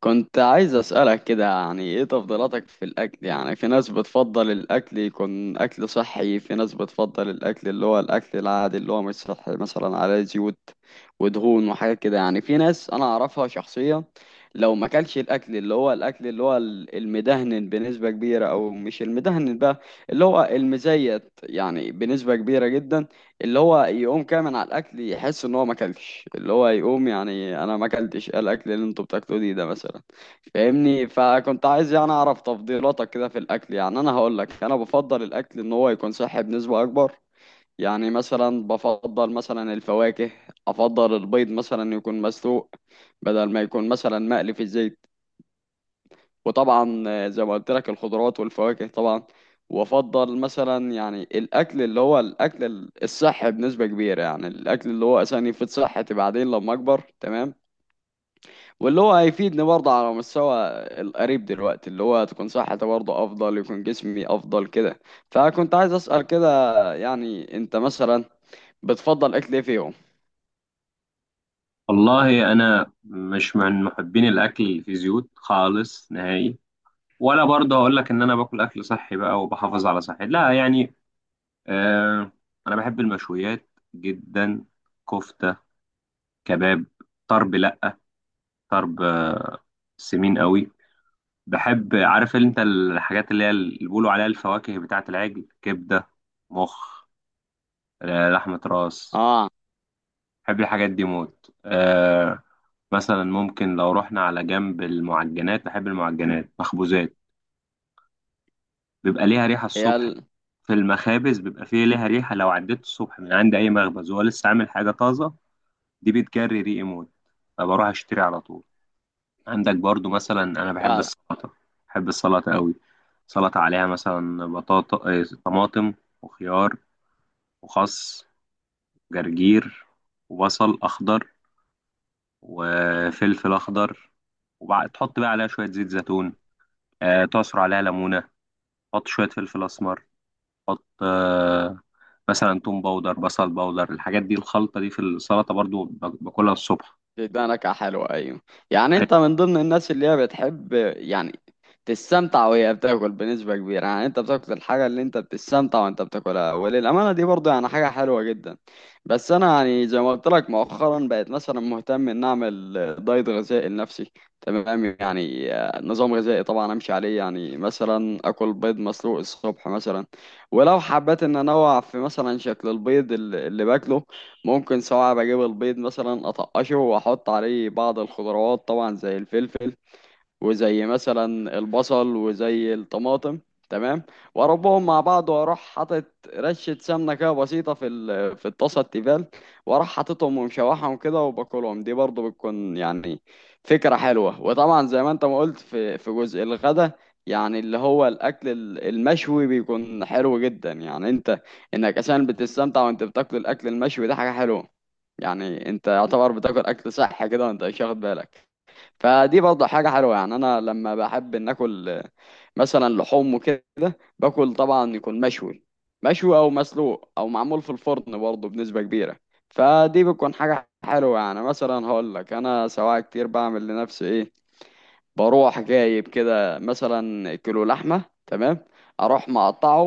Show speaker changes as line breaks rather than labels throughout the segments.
كنت عايز أسألك كده، يعني ايه تفضيلاتك في الأكل؟ يعني في ناس بتفضل الأكل يكون أكل صحي، في ناس بتفضل الأكل اللي هو الأكل العادي اللي هو مش صحي، مثلا على زيوت ودهون وحاجات كده. يعني في ناس أنا أعرفها شخصيا لو ما أكلش الأكل اللي هو الأكل اللي هو المدهن بنسبة كبيرة، أو مش المدهن بقى، اللي هو المزيت، يعني بنسبة كبيرة جدا، اللي هو يقوم كده من على الاكل يحس ان هو ما اكلش، اللي هو يقوم يعني انا ما اكلتش إيه الاكل اللي انتوا بتاكلوه دي ده مثلا. فاهمني؟ فكنت عايز يعني اعرف تفضيلاتك كده في الاكل. يعني انا هقول لك، انا بفضل الاكل ان هو يكون صحي بنسبة اكبر. يعني مثلا بفضل مثلا الفواكه، افضل البيض مثلا يكون مسلوق بدل ما يكون مثلا مقلي في الزيت، وطبعا زي ما قلت لك الخضروات والفواكه طبعا. وافضل مثلا يعني الاكل اللي هو الاكل الصحي بنسبه كبيره، يعني الاكل اللي هو اساسا يفيد صحتي بعدين لما اكبر، تمام، واللي هو هيفيدني برضه على مستوى القريب دلوقتي، اللي هو تكون صحتي برضه افضل، يكون جسمي افضل كده. فكنت عايز اسال كده يعني انت مثلا بتفضل اكل ايه فيهم؟
والله انا مش من محبين الاكل اللي فيه زيوت خالص نهائي. ولا برضه هقول لك ان انا باكل اكل صحي بقى وبحافظ على صحتي، لا يعني. آه. انا بحب المشويات جدا، كفته، كباب، طرب، لا، طرب، آه، سمين قوي. بحب، عارف انت الحاجات اللي هي اللي بيقولوا عليها الفواكه بتاعه العجل، كبده، مخ، لحمه راس.
اه.
بحب الحاجات دي موت مثلا ممكن لو رحنا على جنب المعجنات، بحب المعجنات، مخبوزات. بيبقى ليها ريحة
هي
الصبح في المخابز، بيبقى فيه ليها ريحة. لو عديت الصبح من عند أي مخبز وهو لسه عامل حاجة طازة، دي بتجري ريقي موت، فبروح أشتري على طول. عندك برضو مثلا أنا بحب
فعلا.
السلطة، بحب السلطة قوي. سلطة عليها مثلا بطاطا، طماطم، وخيار، وخس، جرجير، وبصل أخضر، وفلفل أخضر. وبعد تحط بقى عليها شوية زيت زيتون، تعصر عليها ليمونة، حط شوية فلفل أسمر، حط آه، مثلا توم باودر، بصل باودر، الحاجات دي، الخلطة دي في السلطة برضو باكلها الصبح.
بتدي نكهه حلوه، ايوه. يعني انت من ضمن الناس اللي هي بتحب يعني تستمتع وهي بتاكل بنسبة كبيرة. يعني انت بتاكل الحاجة اللي انت بتستمتع وانت بتاكلها، وللأمانة دي برضه يعني حاجة حلوة جدا. بس انا يعني زي ما قلت لك مؤخرا بقيت مثلا مهتم ان اعمل دايت غذائي لنفسي، تمام، يعني نظام غذائي طبعا امشي عليه. يعني مثلا اكل بيض مسلوق الصبح مثلا، ولو حبيت ان انوع في مثلا شكل البيض اللي باكله، ممكن سواء بجيب البيض مثلا اطقشه واحط عليه بعض الخضروات طبعا زي الفلفل وزي مثلا البصل وزي الطماطم، تمام، واربهم مع بعض، واروح حاطط رشه سمنه كده بسيطه في في الطاسه التيفال، واروح حاططهم ومشوحهم كده وباكلهم. دي برضو بتكون يعني فكره حلوه. وطبعا زي ما انت ما قلت في جزء الغدا، يعني اللي هو الاكل المشوي بيكون حلو جدا. يعني انت انك اساسا بتستمتع وانت بتاكل الاكل المشوي ده حاجه حلوه. يعني انت يعتبر بتاكل اكل صحي كده وانت مش واخد بالك، فدي برضه حاجة حلوة. يعني أنا لما بحب إن آكل مثلا لحوم وكده، باكل طبعا يكون مشوي، مشوي أو مسلوق أو معمول في الفرن برضه بنسبة كبيرة. فدي بتكون حاجة حلوة. يعني مثلا هقول لك أنا سواء كتير بعمل لنفسي إيه، بروح جايب كده مثلا كيلو لحمة، تمام، أروح مقطعه،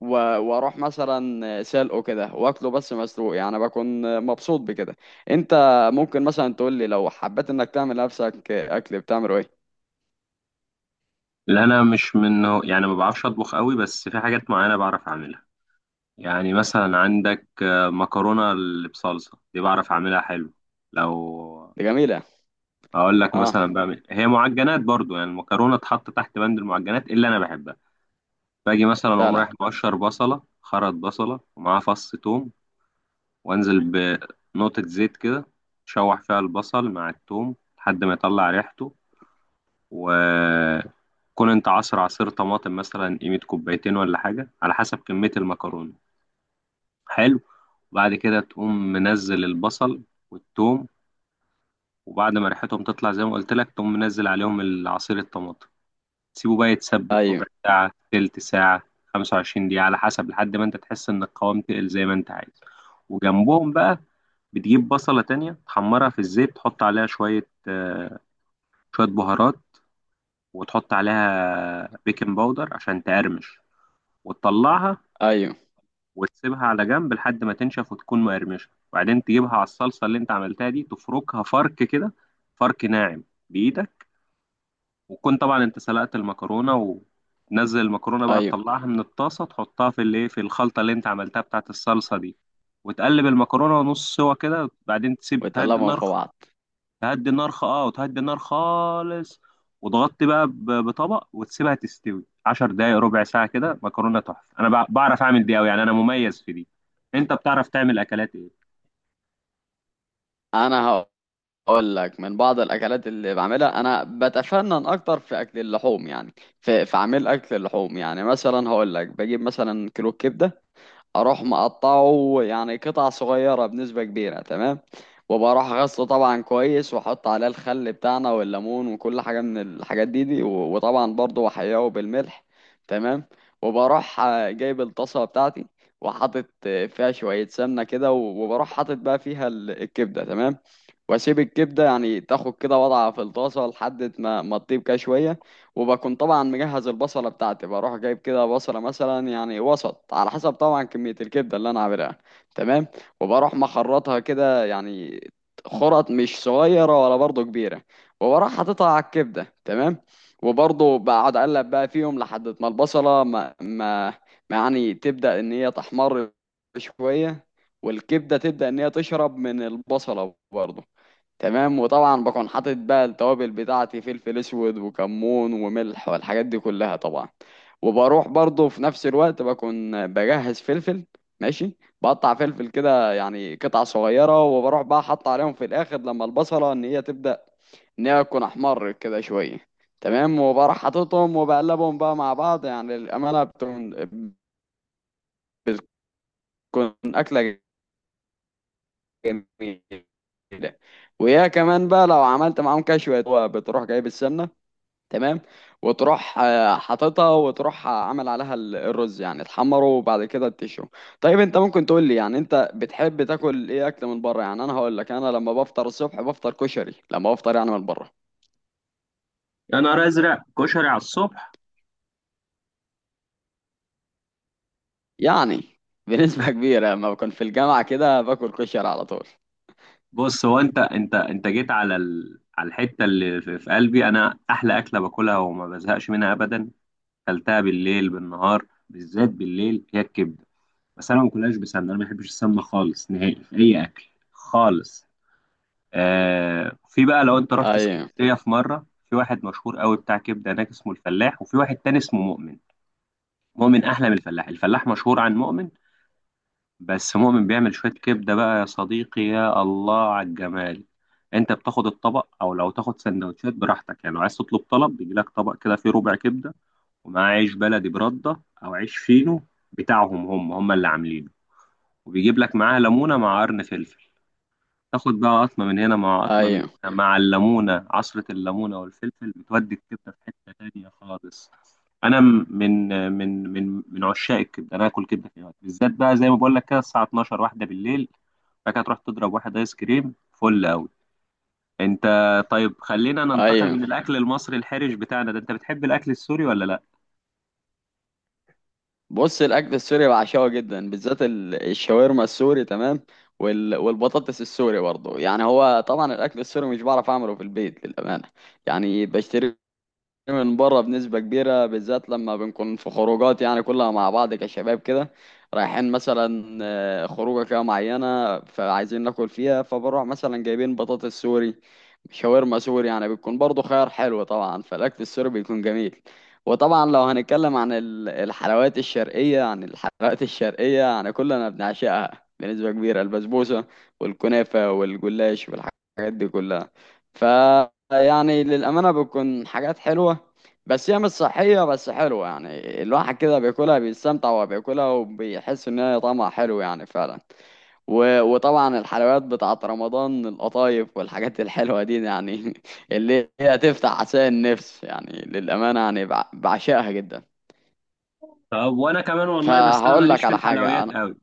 واروح مثلا سلقه كده واكله بس مسلوق، يعني بكون مبسوط بكده. انت ممكن مثلا تقول لي لو حبيت انك تعمل نفسك اكل، بتعمله ايه؟
لا أنا مش منه يعني، ما بعرفش أطبخ قوي، بس في حاجات معينة بعرف أعملها. يعني مثلا عندك، مكرونة اللي بصلصة دي بعرف أعملها حلو. لو
دي جميلة.
أقول لك، مثلا
اه.
بعمل هي معجنات برضو، يعني المكرونة تحط تحت بند المعجنات اللي أنا بحبها. باجي مثلا أقوم
فعلا.
رايح مقشر بصلة، خرط بصلة ومعاه فص توم، وانزل بنقطة زيت كده، شوح فيها البصل مع الثوم لحد ما يطلع ريحته. وكون انت عصر عصير طماطم مثلا قيمة كوبايتين ولا حاجة على حسب كمية المكرونة. حلو. وبعد كده تقوم منزل البصل والثوم، وبعد ما ريحتهم تطلع زي ما قلت لك، تقوم منزل عليهم العصير الطماطم، تسيبه بقى يتسبك
ايوه.
ربع ساعة، تلت ساعة، 25 دقيقة على حسب، لحد ما انت تحس ان القوام تقل زي ما انت عايز. وجنبهم بقى بتجيب بصلة تانية تحمرها في الزيت، تحط عليها شوية، شوية بهارات، وتحط عليها بيكنج باودر عشان تقرمش، وتطلعها
ايوه.
وتسيبها على جنب لحد ما تنشف وتكون مقرمشة. وبعدين تجيبها على الصلصة اللي انت عملتها دي، تفركها فرك كده، فرك ناعم بإيدك. وتكون طبعا انت سلقت المكرونة، وتنزل المكرونة بقى،
ايوه.
تطلعها من الطاسة، تحطها في الايه، في الخلطة اللي انت عملتها بتاعت الصلصة دي، وتقلب المكرونة نص سوا كده. بعدين تسيب تهدي
وتقلبهم
النار،
في بعض.
تهدي النار خ... اه وتهدي النار خالص، وتغطي بقى بطبق، وتسيبها تستوي 10 دقايق، ربع ساعة كده، مكرونة تحفة. انا بعرف اعمل دي قوي يعني، انا مميز في دي. انت بتعرف تعمل اكلات ايه؟
انا هقول لك من بعض الاكلات اللي بعملها، انا بتفنن اكتر في اكل اللحوم يعني، في عمل اكل اللحوم. يعني مثلا هقول لك بجيب مثلا كيلو كبدة، اروح مقطعه يعني قطع صغيره بنسبه كبيره، تمام، وبروح غسله طبعا كويس، واحط عليه الخل بتاعنا والليمون وكل حاجه من الحاجات دي دي، وطبعا برضه احياه بالملح، تمام، وبروح جايب الطاسه بتاعتي، وحاطط فيها شويه سمنه كده وبروح حاطط بقى فيها الكبده، تمام، واسيب الكبده يعني تاخد كده وضعها في الطاسه لحد ما تطيب كده شويه. وبكون طبعا مجهز البصلة بتاعتي، بروح جايب كده بصلة مثلا يعني وسط على حسب طبعا كمية الكبدة اللي أنا عاملها، تمام، وبروح مخرطها كده، يعني خرط مش صغيرة ولا برضه كبيرة، وبروح حاططها على الكبدة، تمام، وبرضه بقعد أقلب بقى فيهم لحد ما البصلة ما يعني تبدأ إن هي تحمر شوية، والكبدة تبدأ إن هي تشرب من البصلة برضه، تمام. وطبعا بكون حاطط بقى التوابل بتاعتي، فلفل اسود وكمون وملح والحاجات دي كلها طبعا. وبروح برضه في نفس الوقت بكون بجهز فلفل، ماشي، بقطع فلفل كده يعني قطع صغيرة، وبروح بقى حاطط عليهم في الآخر لما البصلة إن هي تبدأ إن هي تكون أحمر كده شوية، تمام، وبروح حاططهم وبقلبهم بقى مع بعض. يعني الأمانة بتكون أكلة جميلة. ويا كمان بقى لو عملت معاهم كشوة، بتروح جايب السمنة، تمام، وتروح حاططها، وتروح عامل عليها الرز، يعني تحمره وبعد كده تشوي. طيب انت ممكن تقول لي يعني انت بتحب تاكل ايه اكل من بره؟ يعني انا هقول لك، انا لما بفطر الصبح بفطر كشري، لما بفطر يعني من بره،
يا نهار ازرق، كشري على الصبح؟
يعني بنسبة كبيرة لما بكون في الجامعة كده باكل كشري على طول.
بص، هو انت جيت على على الحتة اللي في قلبي. انا احلى اكلة باكلها وما بزهقش منها ابدا، اكلتها بالليل بالنهار، بالذات بالليل، هي الكبدة. بس انا ما باكلهاش بسمنة، انا ما بحبش السمنة خالص نهائي في اي اكل خالص. آه، في بقى لو انت رحت
ايوه.
اسكندريه في مره، في واحد مشهور قوي بتاع كبده هناك اسمه الفلاح، وفي واحد تاني اسمه مؤمن. مؤمن احلى من الفلاح، الفلاح مشهور عن مؤمن، بس مؤمن بيعمل شويه كبده بقى يا صديقي، يا الله على الجمال. انت بتاخد الطبق او لو تاخد سندوتشات براحتك. يعني لو عايز تطلب طلب، بيجي لك طبق كده فيه ربع كبده، ومعاه عيش بلدي برده او عيش فينو بتاعهم، هم هم اللي عاملينه، وبيجيب لك معاه ليمونه مع قرن فلفل. تاخد بقى قطمة من هنا مع قطمة من
ايوه.
هنا مع الليمونة، عصرة الليمونة والفلفل بتودي الكبدة في حتة تانية خالص. أنا من عشاق الكبدة، أنا آكل كبدة في أي وقت، بالذات بقى زي ما بقول لك كده الساعة 12 واحدة بالليل، بعد كده تروح تضرب واحد آيس كريم فل أوي. أنت، طيب خلينا ننتقل
ايوه.
من الأكل المصري الحرج بتاعنا ده، أنت بتحب الأكل السوري ولا لأ؟
بص، الاكل السوري بعشقه جدا، بالذات الشاورما السوري، تمام، والبطاطس السوري برضه. يعني هو طبعا الاكل السوري مش بعرف اعمله في البيت للامانه، يعني بشتري من بره بنسبة كبيرة. بالذات لما بنكون في خروجات يعني كلها مع بعض كشباب كده، رايحين مثلا خروجة كده معينة فعايزين ناكل فيها، فبروح مثلا جايبين بطاطس سوري، شاورما سوري، يعني بيكون برضو خيار حلو. طبعا فالأكل السوري بيكون جميل. وطبعا لو هنتكلم عن الحلويات الشرقية، يعني الحلويات الشرقية يعني كلنا بنعشقها بنسبة كبيرة، البسبوسة والكنافة والجلاش والحاجات دي كلها. ف يعني للأمانة بتكون حاجات حلوة، بس هي مش صحية بس حلوة، يعني الواحد كده بياكلها بيستمتع وهو بياكلها وبيحس ان هي طعمها حلو يعني فعلا. وطبعا الحلويات بتاعت رمضان، القطايف والحاجات الحلوة دي يعني اللي هي تفتح عشان النفس، يعني للأمانة يعني بعشقها جدا.
طب وأنا كمان والله، بس أنا
فهقول
ماليش
لك
في
على حاجة
الحلويات
انا.
أوي.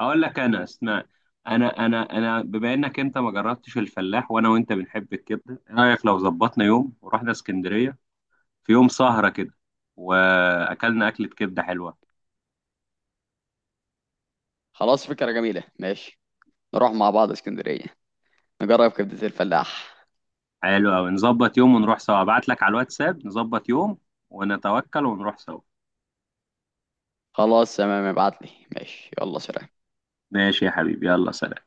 اقول لك، انا اسمع، انا بما انك انت ما جربتش الفلاح، وانا وانت بنحب الكبده، ايه رايك لو ظبطنا يوم ورحنا اسكندريه، في يوم سهره كده، واكلنا اكله كبده حلوه.
خلاص، فكرة جميلة، ماشي، نروح مع بعض اسكندرية، نجرب كبدة الفلاح.
حلو قوي، نظبط يوم ونروح سوا، ابعت لك على الواتساب، نظبط يوم ونتوكل ونروح سوا.
خلاص، تمام، ابعت لي. ماشي، يلا سلام.
ماشي يا حبيبي، يلا سلام.